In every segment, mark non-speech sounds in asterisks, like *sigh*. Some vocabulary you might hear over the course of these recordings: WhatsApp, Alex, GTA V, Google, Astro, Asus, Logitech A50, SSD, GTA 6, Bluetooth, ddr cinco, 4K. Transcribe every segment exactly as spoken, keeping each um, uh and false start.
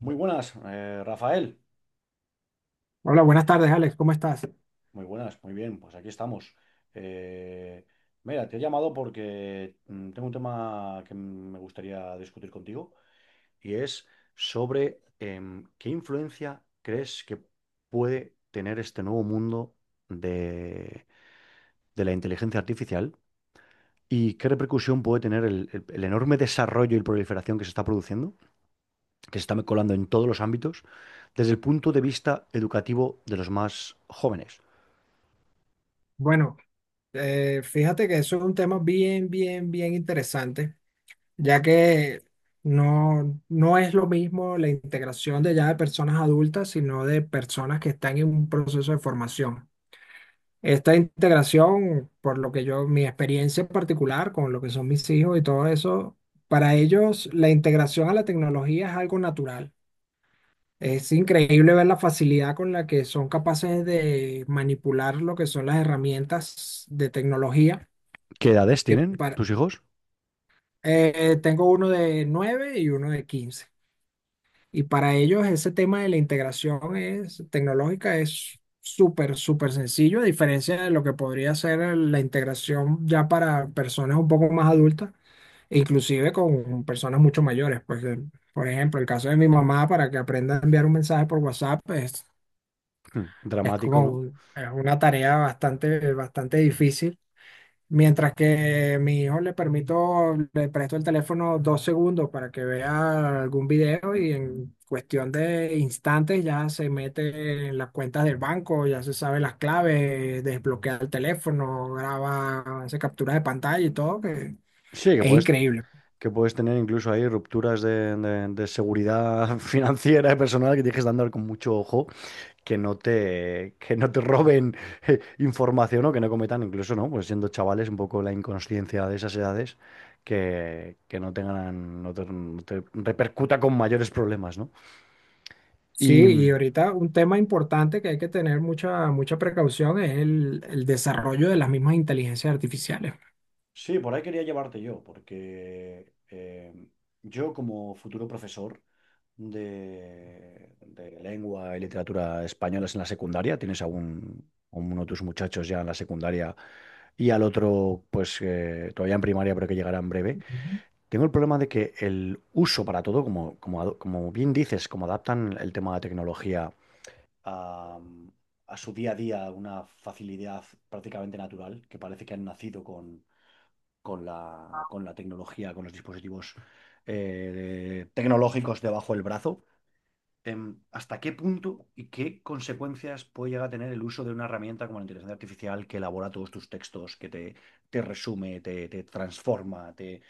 Muy buenas, eh, Rafael. Hola, buenas tardes, Alex, ¿cómo estás? Muy buenas, muy bien. Pues aquí estamos. Eh, Mira, te he llamado porque mm, tengo un tema que mm, me gustaría discutir contigo y es sobre em, qué influencia crees que puede tener este nuevo mundo de, de la inteligencia artificial y qué repercusión puede tener el, el- el enorme desarrollo y proliferación que se está produciendo, que se está colando en todos los ámbitos, desde el punto de vista educativo de los más jóvenes. Bueno, eh, fíjate que eso es un tema bien, bien, bien interesante, ya que no, no es lo mismo la integración de ya de personas adultas, sino de personas que están en un proceso de formación. Esta integración, por lo que yo, mi experiencia en particular con lo que son mis hijos y todo eso, para ellos la integración a la tecnología es algo natural. Es increíble ver la facilidad con la que son capaces de manipular lo que son las herramientas de tecnología. ¿Qué edades Que tienen para, tus hijos? Eh, tengo uno de nueve y uno de quince. Y para ellos ese tema de la integración es, tecnológica es súper, súper sencillo, a diferencia de lo que podría ser la integración ya para personas un poco más adultas, e inclusive con personas mucho mayores. Pues, eh, por ejemplo, el caso de mi mamá para que aprenda a enviar un mensaje por WhatsApp, pues, Hmm, Es dramático, ¿no? como es una tarea bastante, bastante difícil. Mientras que mi hijo le permito, le presto el teléfono dos segundos para que vea algún video y en cuestión de instantes ya se mete en las cuentas del banco, ya se sabe las claves, desbloquea el teléfono, graba, hace captura de pantalla y todo, que Sí, que es puedes, increíble. que puedes tener incluso ahí rupturas de, de- de seguridad *laughs* financiera y personal que tienes que andar con mucho ojo, que no te, que no te roben eh, información o que no cometan, incluso, ¿no? Pues siendo chavales, un poco la inconsciencia de esas edades, que, que no tengan, no te, no te repercuta con mayores problemas, ¿no? Sí, Y, y ahorita un tema importante que hay que tener mucha, mucha precaución es el, el desarrollo de las mismas inteligencias artificiales. sí, por ahí quería llevarte yo, porque eh, yo como futuro profesor de, de lengua y literatura españolas en la secundaria, ¿tienes algún, uno de tus muchachos ya en la secundaria y al otro, pues eh, todavía en primaria, pero que llegará en breve? Tengo el problema de que el uso para todo, como, como, ado- como bien dices, como adaptan el tema de tecnología a, a su día a día, una facilidad prácticamente natural, que parece que han nacido con la, con la tecnología, con los dispositivos eh, tecnológicos debajo del brazo. Em, ¿hasta qué punto y qué consecuencias puede llegar a tener el uso de una herramienta como la inteligencia artificial que elabora todos tus textos, que te, te resume, te, te transforma, te,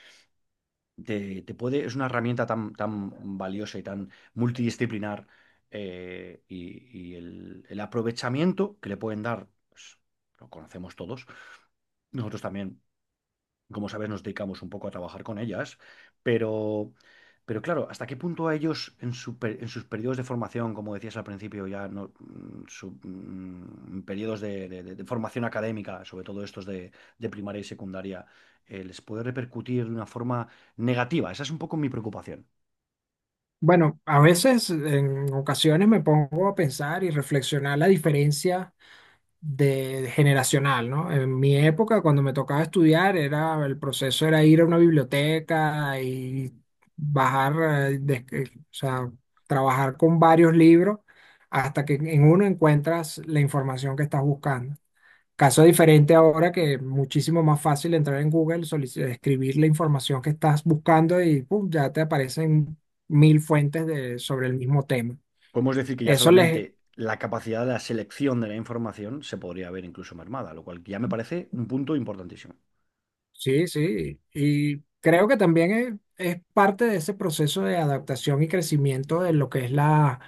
te- te puede... Es una herramienta tan, tan valiosa y tan multidisciplinar eh, y, y el, el aprovechamiento que le pueden dar, pues, lo conocemos todos. Nosotros también como sabes, nos dedicamos un poco a trabajar con ellas, pero, pero claro, ¿hasta qué punto a ellos en, su per- en sus periodos de formación, como decías al principio, ya no, mm, su- mm, periodos de, de- de- de formación académica, sobre todo estos de, de primaria y secundaria, eh, les puede repercutir de una forma negativa? Esa es un poco mi preocupación. Bueno, a veces, en ocasiones me pongo a pensar y reflexionar la diferencia de generacional, ¿no? En mi época, cuando me tocaba estudiar, era el proceso era ir a una biblioteca y bajar, eh, des- eh, o sea, trabajar con varios libros hasta que en uno encuentras la información que estás buscando. Caso diferente ahora que es muchísimo más fácil entrar en Google, solici- escribir la información que estás buscando y pum, ya te aparecen mil fuentes de, sobre el mismo tema. Podemos decir que ya Eso les... solamente la capacidad de la selección de la información se podría ver incluso mermada, lo cual ya me parece un punto importantísimo. Sí, sí. Y creo que también es, es parte de ese proceso de adaptación y crecimiento de lo que es la,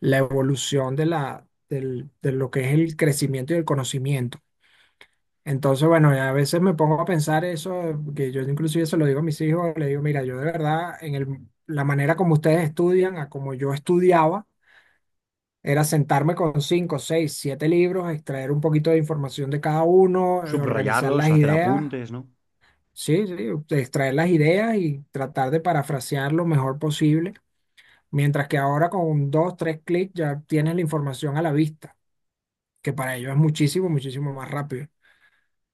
la evolución de, la, del- de lo que es el crecimiento y el conocimiento. Entonces, bueno, a veces me pongo a pensar eso, que yo inclusive se lo digo a mis hijos, le digo, mira, yo de verdad, en el, la manera como ustedes estudian, a como yo estudiaba, era sentarme con cinco, seis, siete libros, extraer un poquito de información de cada uno, eh, organizar las Subrayarlos, hacer ideas, apuntes, ¿no? sí, sí, extraer las ideas y tratar de parafrasear lo mejor posible, mientras que ahora con dos, tres clics ya tienes la información a la vista, que para ellos es muchísimo, muchísimo más rápido.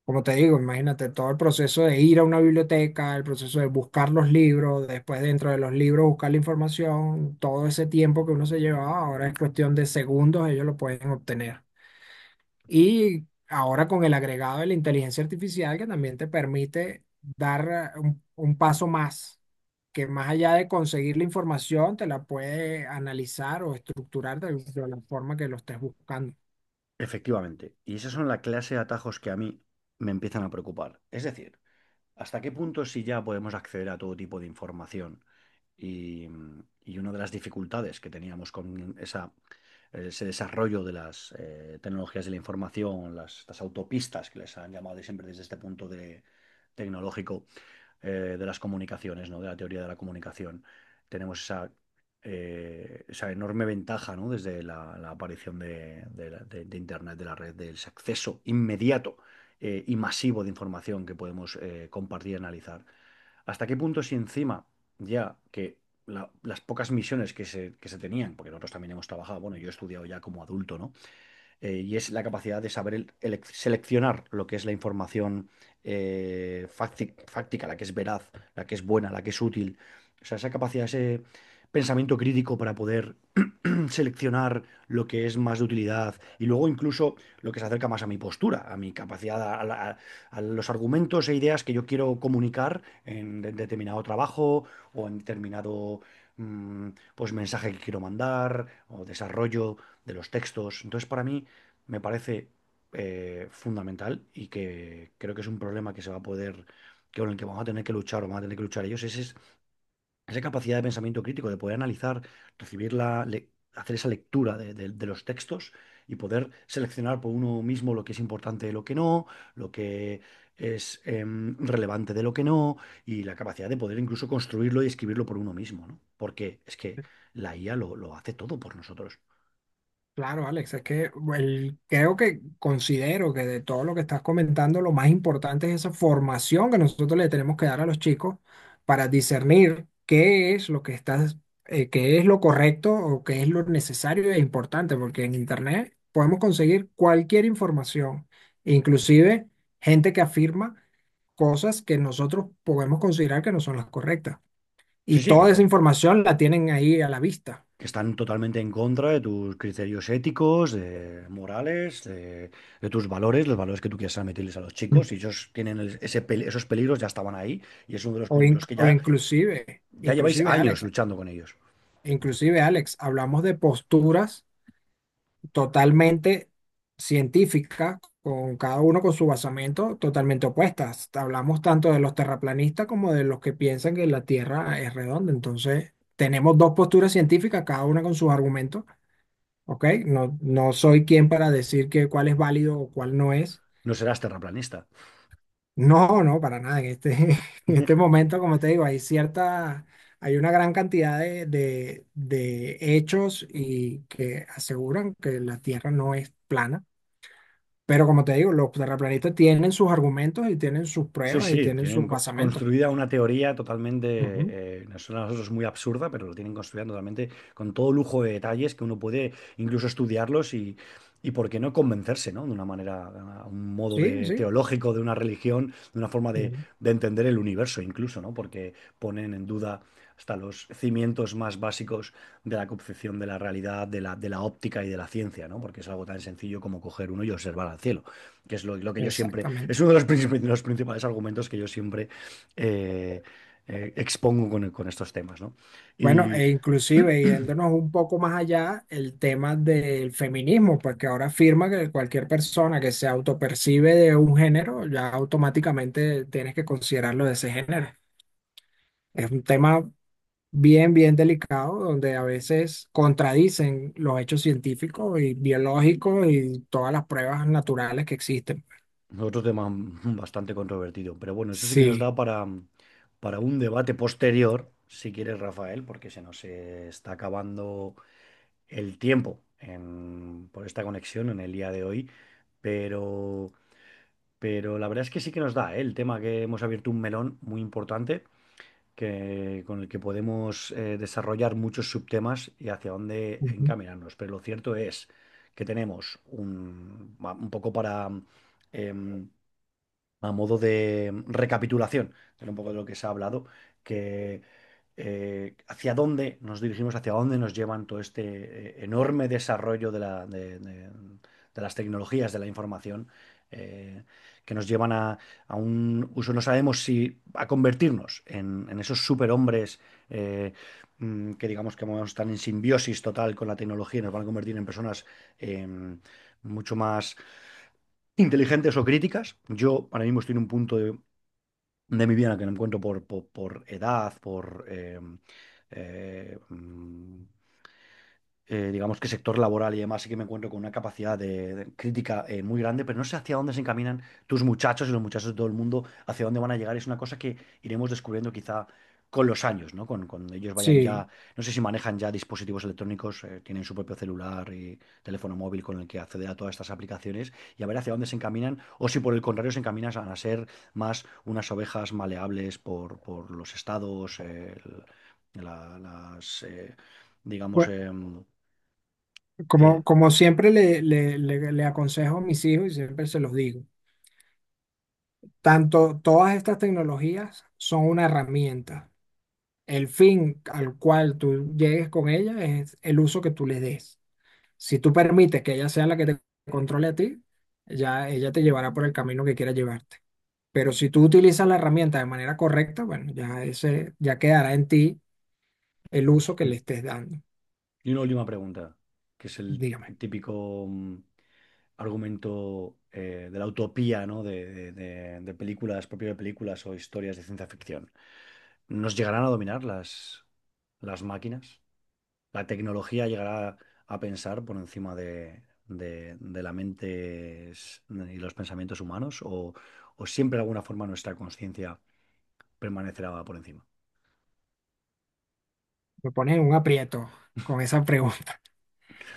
Como te digo, imagínate todo el proceso de ir a una biblioteca, el proceso de buscar los libros, después dentro de los libros buscar la información, todo ese tiempo que uno se llevaba, ahora es cuestión de segundos, ellos lo pueden obtener. Y ahora con el agregado de la inteligencia artificial que también te permite dar eh, un, un paso más, que más allá de conseguir la información, te la puede analizar o estructurar de de la forma que lo estés buscando. Efectivamente. Y esas son la clase de atajos que a mí me empiezan a preocupar. Es decir, ¿hasta qué punto si ya podemos acceder a todo tipo de información? Y, y una de las dificultades que teníamos con esa, ese desarrollo de las eh, tecnologías de la información, las, estas autopistas que les han llamado de siempre desde este punto de tecnológico, eh, de las comunicaciones, ¿no? De la teoría de la comunicación. Tenemos esa, eh, esa enorme ventaja, ¿no? Desde la, la aparición de, de la- de- de Internet, de la red, del acceso inmediato eh, y masivo de información que podemos eh, compartir y analizar. ¿Hasta qué punto si encima ya que la- las pocas misiones que se, que se tenían, porque nosotros también hemos trabajado, bueno, yo he estudiado ya como adulto, ¿no? eh, y es la capacidad de saber el- elec- seleccionar lo que es la información eh, facti- fáctica, la que es veraz, la que es buena, la que es útil. O sea, esa capacidad, ese pensamiento crítico para poder *clears throat* seleccionar lo que es más de utilidad y luego incluso lo que se acerca más a mi postura, a mi capacidad, a, la- a los argumentos e ideas que yo quiero comunicar en de- determinado trabajo o en determinado mm, pues mensaje que quiero mandar o desarrollo de los textos. Entonces, para mí, me parece eh, fundamental y que creo que es un problema que se va a poder, que con el que vamos a tener que luchar o van a tener que luchar ellos, ese es esa capacidad de pensamiento crítico, de poder analizar, recibir la, le- hacer esa lectura de, de- de los textos y poder seleccionar por uno mismo lo que es importante de lo que no, lo que es em, relevante de lo que no, y la capacidad de poder incluso construirlo y escribirlo por uno mismo, ¿no? Porque es que la I A lo, lo hace todo por nosotros. Claro, Alex, es que el- creo que considero que de todo lo que estás comentando, lo más importante es esa formación que nosotros le tenemos que dar a los chicos para discernir qué es lo que estás, eh, qué es lo correcto o qué es lo necesario e importante, porque en Internet podemos conseguir cualquier información, inclusive gente que afirma cosas que nosotros podemos considerar que no son las correctas. Y Sí, sí, que toda esa pues, información la tienen ahí a la vista. que están totalmente en contra de tus criterios éticos, de morales, de, de tus valores, los valores que tú quieras meterles a los chicos. Y ellos tienen el- ese, pel- esos peligros, ya estaban ahí. Y es uno de los O, con in- los que o ya, inclusive, ya lleváis inclusive años Alex, luchando con ellos. inclusive Alex, hablamos de posturas totalmente científicas, con cada uno con su basamento totalmente opuestas. Hablamos tanto de los terraplanistas como de los que piensan que la Tierra es redonda. Entonces, tenemos dos posturas científicas, cada una con sus argumentos, ¿ok? No, no soy quien para decir que cuál es válido o cuál no es. No serás terraplanista. No, no, para nada. En este, *laughs* en este *laughs* momento, como te digo, hay cierta, hay una gran cantidad de, de, de hechos y que aseguran que la Tierra no es plana. Pero como te digo, los terraplanistas tienen sus argumentos y tienen sus Sí, pruebas y sí, tienen tienen sus co- basamentos. pues. construida una teoría Ujú. totalmente, eh, nos suena a nosotros muy absurda, pero lo tienen construida totalmente con todo lujo de detalles que uno puede incluso estudiarlos y, y por qué no convencerse, ¿no? De una manera, a un modo Sí, de sí. teológico, de una religión, de una forma de, Ujú. de entender el universo incluso, ¿no? Porque ponen en duda hasta los cimientos más básicos de la concepción de la realidad, de la, de la óptica y de la ciencia, ¿no? Porque es algo tan sencillo como coger uno y observar al cielo que es lo, lo que yo siempre, Exactamente. es uno de los, princip- de los principales argumentos que yo siempre eh, eh, expongo con, con estos temas, ¿no? Bueno, Y e inclusive yéndonos un poco más allá, el tema del feminismo, porque ahora afirma que cualquier persona que se autopercibe de un género, ya automáticamente tienes que considerarlo de ese género. Es un tema bien, bien delicado, donde a veces contradicen los hechos científicos y biológicos y todas las pruebas naturales que existen. otro tema bastante controvertido, pero bueno, eso sí que nos Sí. da para, para un debate posterior, si quieres, Rafael, porque se nos eh, está acabando el tiempo en- por esta conexión en el día de hoy, pero... Pero la verdad es que sí que nos da, ¿eh? El tema que hemos abierto un melón muy importante que, con el que podemos eh, desarrollar muchos subtemas y hacia dónde Ujú. encaminarnos. Pero lo cierto es que tenemos un, va- un poco para, em, a modo de recapitulación de un poco de lo que se ha hablado, que eh, hacia dónde nos dirigimos, hacia dónde nos llevan todo este eh, enorme desarrollo de la- de- de- de las tecnologías de la información, eh, que nos llevan a, a un uso, no sabemos si a convertirnos en, en esos superhombres eh, mm, que digamos que vamos a estar en simbiosis total con la tecnología y nos van a convertir en personas em, mucho más inteligentes o críticas. Yo ahora mismo estoy en un punto de, de mi vida en el que me encuentro por, por, por edad, por eh, eh, mm, eh, digamos que sector laboral y demás, sí que me encuentro con una capacidad de, de crítica eh, muy grande, pero no sé hacia dónde se encaminan tus muchachos y los muchachos de todo el mundo, hacia dónde van a llegar. Es una cosa que iremos descubriendo quizá con los años, ¿no? Con, cuando ellos vayan Sí. ya, no sé si manejan ya dispositivos electrónicos, eh, tienen su propio celular y teléfono móvil con el que acceder a todas estas aplicaciones y a ver hacia dónde se encaminan o si por el contrario se encaminan a ser más unas ovejas maleables por, por los estados, eh, el- la- las... eh, digamos, Bueno, em, como, eh, como siempre le, le le- le aconsejo a mis hijos y siempre se los digo. Tanto todas estas tecnologías son una herramienta. El fin al cual tú llegues con ella es el uso que tú le des. Si tú permites que ella sea la que te controle a ti, ya ella te llevará por el camino que quiera llevarte. Pero si tú utilizas la herramienta de manera correcta, bueno, ya ese ya quedará en ti el uso que le estés *clears throat* dando. y una última pregunta, que es el Dígame, típico mm, argumento eh, de la utopía, ¿no? De, de- de- de películas, propio de películas o historias de ciencia ficción. ¿Nos llegarán a dominar las, las máquinas? ¿La tecnología llegará a pensar por encima de, de- de la mente s- y los pensamientos humanos? ¿O, o siempre de alguna forma nuestra conciencia permanecerá por encima? me pones en un aprieto con esa pregunta.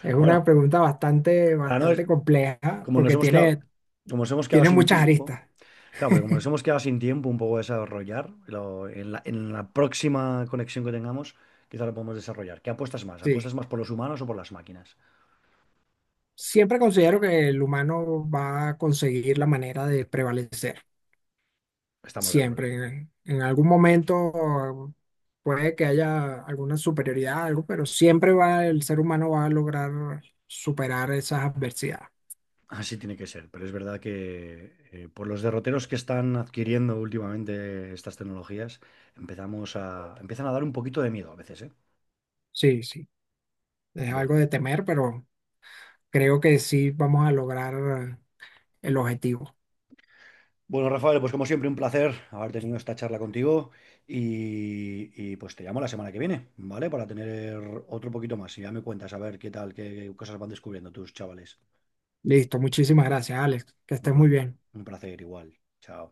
Es una Bueno, pregunta bastante, para no, bastante compleja como nos porque hemos quedado, tiene, como nos hemos quedado tiene sin muchas tiempo, aristas. claro, pero como nos *laughs* hemos quedado sin tiempo un poco de desarrollar, lo- en la, en la próxima conexión que tengamos, quizá lo podemos desarrollar. ¿Qué apuestas más? Sí. ¿Apuestas más por los humanos o por las máquinas? Siempre considero que el humano va a conseguir la manera de prevalecer. Estamos de acuerdo. Siempre. En, en algún momento puede que haya alguna superioridad, algo, pero siempre va, el ser humano va a lograr superar esas adversidades. Así tiene que ser, pero es verdad que eh, por los derroteros que están adquiriendo últimamente estas tecnologías, empezamos a, empiezan a dar un poquito de miedo a veces, ¿eh? Sí, sí. Es algo Bueno. de temer, pero creo que sí vamos a lograr el objetivo. Bueno, Rafael, pues como siempre, un placer haber tenido esta charla contigo y, y, pues te llamo la semana que viene, ¿vale? Para tener otro poquito más y ya me cuentas a ver qué tal, qué qué cosas van descubriendo tus chavales. Listo, muchísimas gracias, Alex. Que Un estés muy pla- bien. un placer igual. Chao.